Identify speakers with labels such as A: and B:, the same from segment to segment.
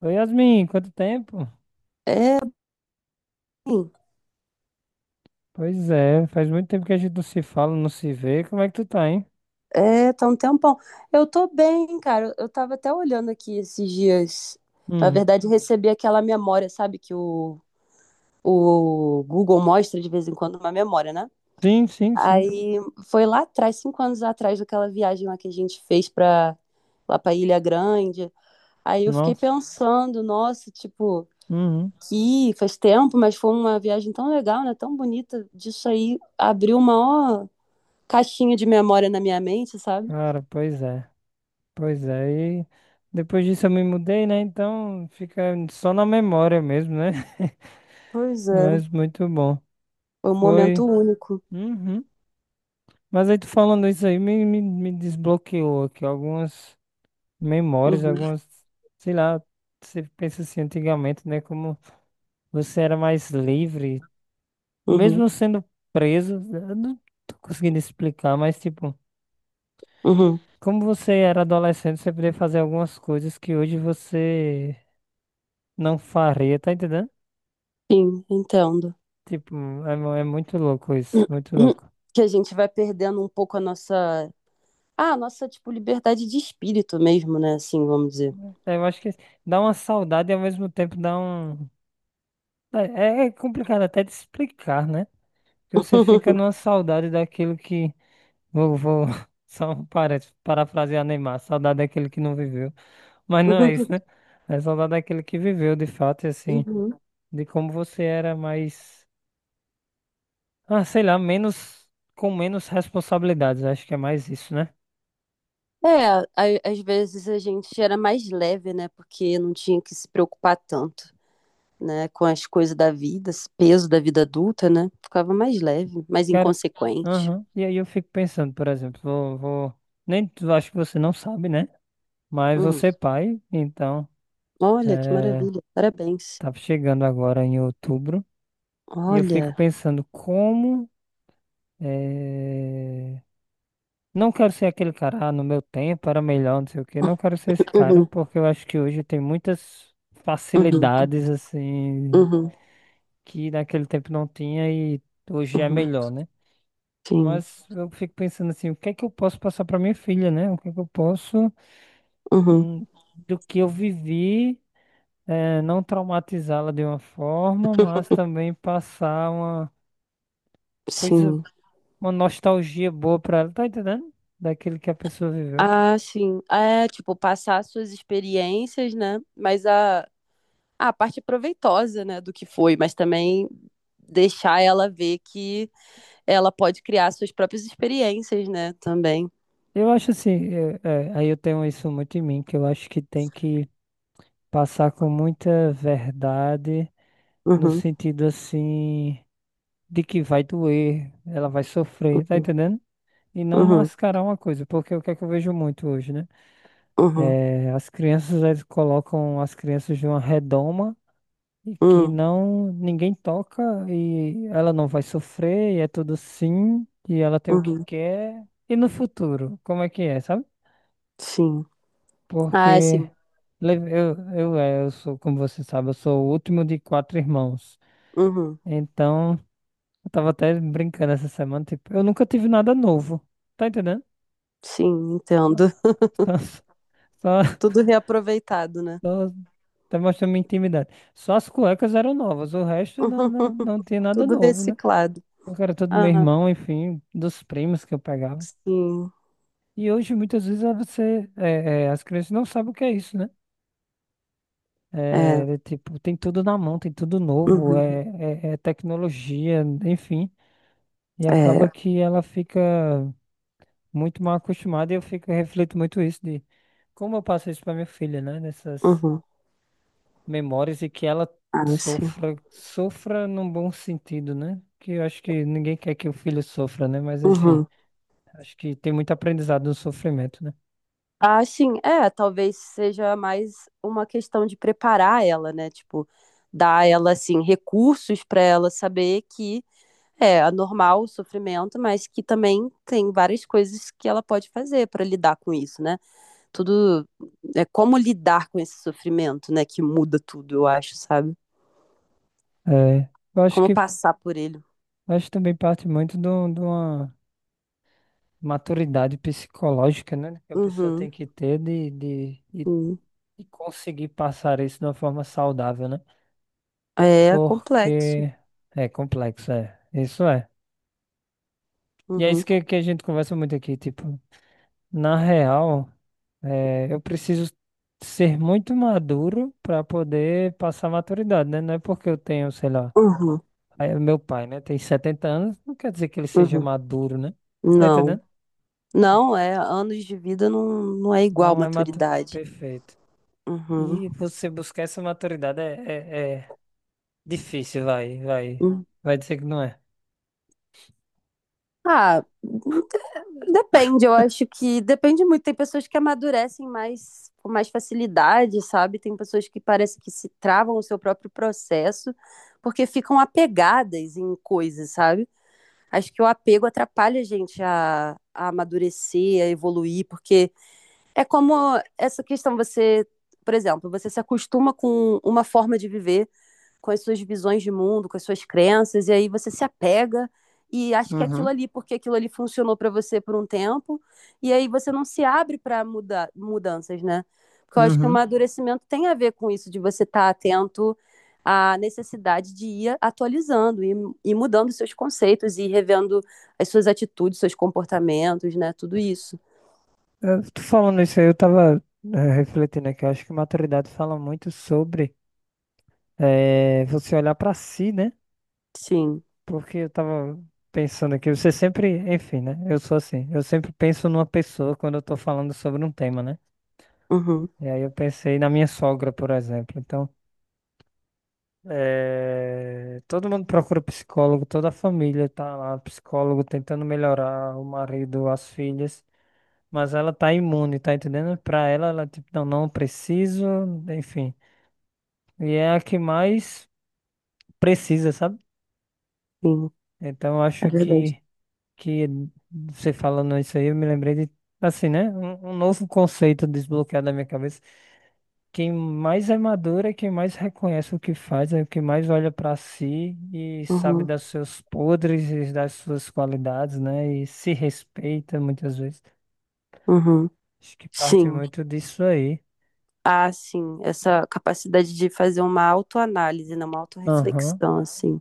A: Oi, Yasmin, quanto tempo?
B: É, bem,
A: Pois é, faz muito tempo que a gente não se fala, não se vê. Como é que tu tá, hein?
B: é, tá um tempão. Eu tô bem, cara. Eu tava até olhando aqui esses dias. Na
A: Hum.
B: verdade, recebi aquela memória, sabe? Que o Google mostra de vez em quando uma memória, né?
A: Sim, sim, sim.
B: Aí foi lá atrás, 5 anos atrás, daquela viagem lá que a gente fez lá pra Ilha Grande. Aí eu fiquei
A: Nossa.
B: pensando, nossa, tipo,
A: Uhum.
B: que faz tempo, mas foi uma viagem tão legal, né? Tão bonita. Disso aí abriu uma ó, caixinha de memória na minha mente, sabe?
A: Cara, pois é. Pois é. E depois disso eu me mudei, né? Então fica só na memória mesmo, né?
B: Pois é.
A: Mas muito bom.
B: Foi um
A: Foi.
B: momento único.
A: Uhum. Mas aí tu falando isso aí me desbloqueou aqui algumas memórias,
B: Uhum,
A: algumas, sei lá, você pensa assim, antigamente, né? Como você era mais livre,
B: uhum,
A: mesmo sendo preso, eu não tô conseguindo explicar, mas tipo,
B: uhum.
A: como você era adolescente, você podia fazer algumas coisas que hoje você não faria, tá entendendo?
B: Sim, entendo.
A: Tipo, é, é muito louco isso, muito louco.
B: Que a gente vai perdendo um pouco a nossa, ah, a nossa, tipo, liberdade de espírito mesmo, né? Assim, vamos dizer.
A: É, eu acho que dá uma saudade e ao mesmo tempo dá um. É, é complicado até de explicar, né? Porque você fica numa saudade daquilo que. Vou, vou... Só um parênteses, parafrasear Neymar, saudade daquele que não viveu. Mas não é isso, né? É saudade daquele que viveu de fato, e assim.
B: Uhum.
A: De como você era mais, ah, sei lá, menos com menos responsabilidades. Acho que é mais isso, né?
B: É, às vezes a gente era mais leve, né? Porque não tinha que se preocupar tanto, né? Com as coisas da vida, esse peso da vida adulta, né? Ficava mais leve, mais
A: Cara,
B: inconsequente.
A: aham. E aí eu fico pensando, por exemplo, nem tu- acho que você não sabe, né? Mas
B: Uhum.
A: você é pai, então,
B: Olha, que
A: é,
B: maravilha. Parabéns.
A: tá chegando agora em outubro. E eu fico
B: Olha.
A: pensando como, é, não quero ser aquele cara, ah, no meu tempo era melhor, não sei o quê. Não quero ser esse cara,
B: Uhum,
A: porque eu acho que hoje tem muitas
B: uhum,
A: facilidades assim
B: uhum,
A: que naquele tempo não tinha e hoje é
B: uhum.
A: melhor, né?
B: Sim.
A: Mas eu fico pensando assim, o que é que eu posso passar para minha filha, né? O que é que eu posso,
B: Uhum,
A: hum, do que eu vivi, não traumatizá-la de uma forma, mas também passar uma coisa,
B: sim.
A: uma nostalgia boa para ela, tá entendendo? Daquilo que a pessoa viveu.
B: Ah, sim. É, tipo, passar suas experiências, né? Mas a parte proveitosa, né, do que foi, mas também deixar ela ver que ela pode criar suas próprias experiências, né, também.
A: Eu acho assim, aí eu tenho isso muito em mim, que eu acho que tem que passar com muita verdade, no
B: Uhum,
A: sentido assim. De que vai doer, ela vai sofrer, tá entendendo? E não
B: uhum,
A: mascarar uma coisa, porque o que é que eu vejo muito hoje, né?
B: uhum,
A: É, as crianças, eles colocam as crianças de uma redoma e que
B: uhum,
A: não, ninguém toca e ela não vai sofrer, e é tudo sim, e ela tem o que
B: uhum,
A: quer. E no futuro, como é que é, sabe?
B: sim. Ah,
A: Porque
B: sim.
A: é, eu sou, como você sabe, eu sou o último de quatro irmãos.
B: Uhum,
A: Então, eu tava até brincando essa semana, tipo, eu nunca tive nada novo. Tá entendendo?
B: sim, entendo.
A: Só, só,
B: Tudo reaproveitado, né?
A: só tá mostrando minha intimidade. Só as cuecas eram novas, o resto
B: Uhum,
A: não tinha nada
B: tudo
A: novo, né?
B: reciclado.
A: Porque era todo meu
B: Ah,
A: irmão, enfim, dos primos que eu pegava.
B: sim.
A: E hoje, muitas vezes, você, as crianças não sabem o que é isso, né? É,
B: É,
A: de tipo, tem tudo na mão, tem tudo novo,
B: uhum,
A: é, é tecnologia, enfim. E acaba
B: é,
A: que ela fica muito mal acostumada e eu fico, reflito muito isso de como eu passo isso para minha filha, né? Nessas
B: uhum.
A: memórias e que ela
B: Ah, sim.
A: sofra, sofra num bom sentido, né? Que eu acho que ninguém quer que o filho sofra, né? Mas enfim,
B: Uhum.
A: acho que tem muito aprendizado no sofrimento, né?
B: Ah, sim, é, talvez seja mais uma questão de preparar ela, né? Tipo, dar a ela assim recursos para ela saber que é anormal o sofrimento, mas que também tem várias coisas que ela pode fazer para lidar com isso, né? Tudo é como lidar com esse sofrimento, né, que muda tudo, eu acho, sabe?
A: É, eu
B: Como passar por ele.
A: acho que também parte muito de uma maturidade psicológica, né? Que a pessoa
B: Uhum.
A: tem que ter
B: Uhum.
A: de conseguir passar isso de uma forma saudável, né?
B: É complexo.
A: Porque é complexo, é. Isso é. E é isso
B: Uhum.
A: que a gente conversa muito aqui, tipo. Na real, eu preciso ser muito maduro para poder passar maturidade, né? Não é porque eu tenho, sei lá,
B: Uhum.
A: aí o meu pai, né, tem 70 anos, não quer dizer que ele seja
B: Uhum.
A: maduro, né? Tá
B: Não.
A: entendendo?
B: Não, é, anos de vida não, não é igual
A: Não é
B: maturidade.
A: Perfeito.
B: Uhum.
A: E você buscar essa maturidade é difícil,
B: Hum.
A: Vai dizer que não é.
B: Ah, de- Depende, eu acho que depende muito. Tem pessoas que amadurecem mais com mais facilidade, sabe? Tem pessoas que parece que se travam o seu próprio processo porque ficam apegadas em coisas, sabe? Acho que o apego atrapalha a gente a amadurecer, a evoluir, porque é como essa questão, você, por exemplo, você se acostuma com uma forma de viver com as suas visões de mundo, com as suas crenças, e aí você se apega e acha que é aquilo
A: Uhum,
B: ali, porque aquilo ali funcionou para você por um tempo, e aí você não se abre para mudanças, né? Porque eu acho que o
A: uhum.
B: amadurecimento tem a ver com isso, de você estar tá atento à necessidade de ir atualizando e mudando seus conceitos e revendo as suas atitudes, seus comportamentos, né? Tudo isso.
A: Eu tô falando isso aí, eu tava refletindo aqui. Eu acho que maturidade fala muito sobre você olhar para si, né?
B: Sim.
A: Porque eu tava pensando aqui, você sempre, enfim, né? Eu sou assim, eu sempre penso numa pessoa quando eu tô falando sobre um tema, né?
B: Uhum.
A: E aí eu pensei na minha sogra, por exemplo. Então, todo mundo procura psicólogo, toda a família tá lá, psicólogo tentando melhorar o marido, as filhas, mas ela tá imune, tá entendendo? Pra ela, ela é tipo, não, não preciso, enfim. E é a que mais precisa, sabe?
B: Sim.
A: Então, eu acho que que você falando isso aí, eu me lembrei de, assim, né? Um novo conceito desbloqueado na minha cabeça. Quem mais é maduro é quem mais reconhece o que faz, é o que mais olha pra si e sabe
B: Uhum.
A: dos seus podres e das suas qualidades, né? E se respeita muitas vezes.
B: Uhum.
A: Acho que parte
B: Sim.
A: muito disso aí.
B: Ah, sim, essa capacidade de fazer uma autoanálise, né, uma
A: Aham,
B: autorreflexão, assim.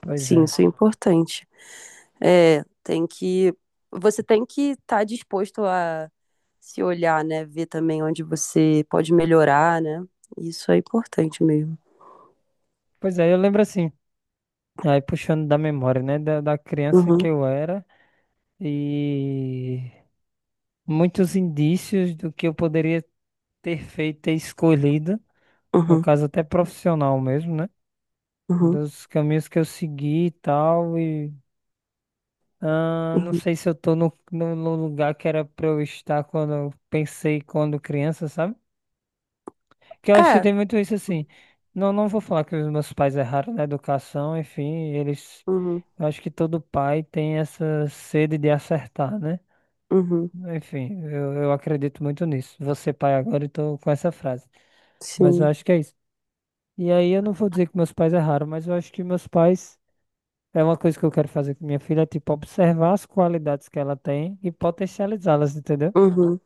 A: pois
B: Sim,
A: é.
B: isso é importante. É, tem que. Você tem que estar disposto a se olhar, né? Ver também onde você pode melhorar, né? Isso é importante mesmo.
A: Pois é, eu lembro assim, aí puxando da memória, né? Da criança que
B: Uhum,
A: eu era e muitos indícios do que eu poderia ter feito, ter escolhido, no
B: uhum,
A: caso até profissional mesmo, né?
B: uhum,
A: Dos caminhos que eu segui e tal, e ah, não
B: uhum.
A: sei se eu tô no lugar que era pra eu estar quando eu pensei quando criança, sabe? Que eu acho que
B: É.
A: tem muito isso assim. Não, não vou falar que os meus pais erraram na educação, enfim, eles.
B: Uhum,
A: Eu acho que todo pai tem essa sede de acertar, né?
B: uhum,
A: Enfim, eu acredito muito nisso. Você pai agora e tô com essa frase. Mas eu
B: sim.
A: acho que é isso. E aí eu não vou dizer que meus pais erraram, mas eu acho que meus pais é uma coisa que eu quero fazer com minha filha, é, tipo, observar as qualidades que ela tem e potencializá-las, entendeu?
B: Uhum.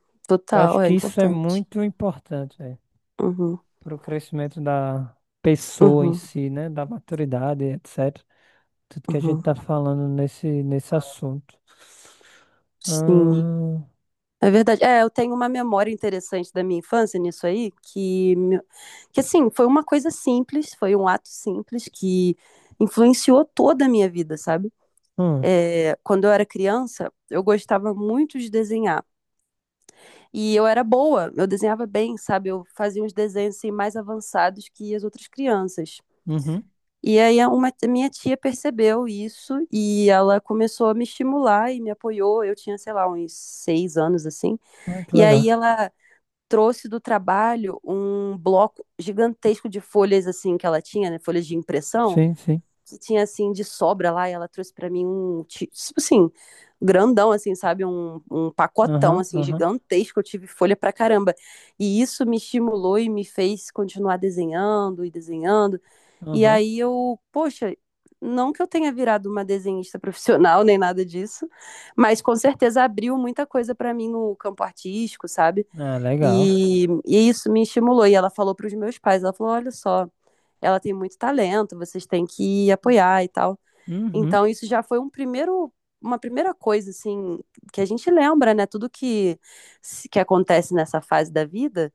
A: Eu acho
B: Total, é
A: que isso é
B: importante.
A: muito importante, velho,
B: Uhum,
A: para o crescimento da pessoa em
B: uhum,
A: si, né? Da maturidade, etc. Tudo que a gente
B: uhum.
A: tá falando nesse assunto.
B: Sim.
A: Ahn,
B: É verdade. É, eu tenho uma memória interessante da minha infância nisso aí, que assim, foi uma coisa simples, foi um ato simples que influenciou toda a minha vida, sabe?
A: hum,
B: É, quando eu era criança, eu gostava muito de desenhar. E eu era boa, eu desenhava bem, sabe? Eu fazia uns desenhos assim, mais avançados que as outras crianças.
A: uhum.
B: E aí a minha tia percebeu isso e ela começou a me estimular e me apoiou. Eu tinha, sei lá, uns 6 anos assim.
A: Ah, que
B: E aí
A: legal.
B: ela trouxe do trabalho um bloco gigantesco de folhas assim que ela tinha, né, folhas de impressão,
A: Sim, sim.
B: que tinha assim de sobra lá, e ela trouxe para mim um, tipo assim, grandão assim, sabe, um pacotão
A: Aham,
B: assim
A: aham,
B: gigantesco, eu tive folha pra caramba. E isso me estimulou e me fez continuar desenhando e desenhando. E
A: aham.
B: aí eu, poxa, não que eu tenha virado uma desenhista profissional nem nada disso, mas com certeza abriu muita coisa pra mim no campo artístico, sabe?
A: Ah, legal.
B: E isso me estimulou. E ela falou para os meus pais, ela falou, olha só, ela tem muito talento, vocês têm que apoiar e tal.
A: Uhum.
B: Então isso já foi um primeiro uma primeira coisa assim que a gente lembra, né? Tudo que acontece nessa fase da vida,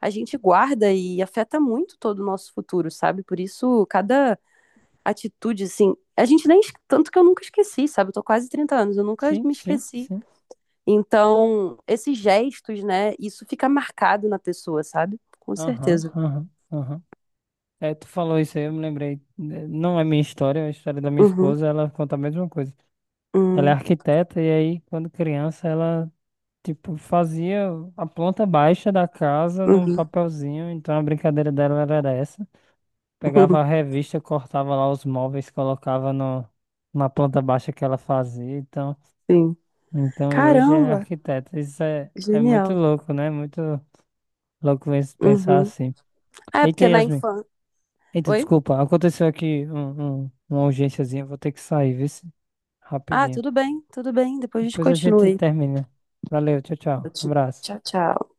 B: a gente guarda e afeta muito todo o nosso futuro, sabe? Por isso cada atitude assim, a gente nem tanto que eu nunca esqueci, sabe? Eu tô quase 30 anos, eu nunca
A: Sim,
B: me
A: sim,
B: esqueci
A: sim.
B: então, esses gestos, né, isso fica marcado na pessoa, sabe? Com
A: Aham,
B: certeza.
A: aham, aham. É, tu falou isso aí, eu me lembrei. Eh, não é minha história, é a história da minha
B: Uhum,
A: esposa, ela conta a mesma coisa. Ela é
B: uhum,
A: arquiteta e aí, quando criança, ela, tipo, fazia a planta baixa da casa num
B: uhum,
A: papelzinho, então a brincadeira dela era essa.
B: uhum,
A: Pegava a revista, cortava lá os móveis, colocava no, na planta baixa que ela fazia, então,
B: sim.
A: então e hoje é
B: Caramba,
A: arquiteta. Isso é muito
B: genial.
A: louco, né? Muito louco isso pensar
B: Uhum.
A: assim.
B: Ah, é
A: Eita,
B: porque na
A: Yasmin.
B: infância.
A: Eita,
B: Oi?
A: desculpa, aconteceu aqui uma urgênciazinha, vou ter que sair, viu?
B: Ah,
A: Rapidinho.
B: tudo bem, tudo bem. Depois a gente
A: Depois a
B: continua
A: gente
B: aí.
A: termina. Valeu, tchau, tchau. Abraço.
B: Tchau, tchau.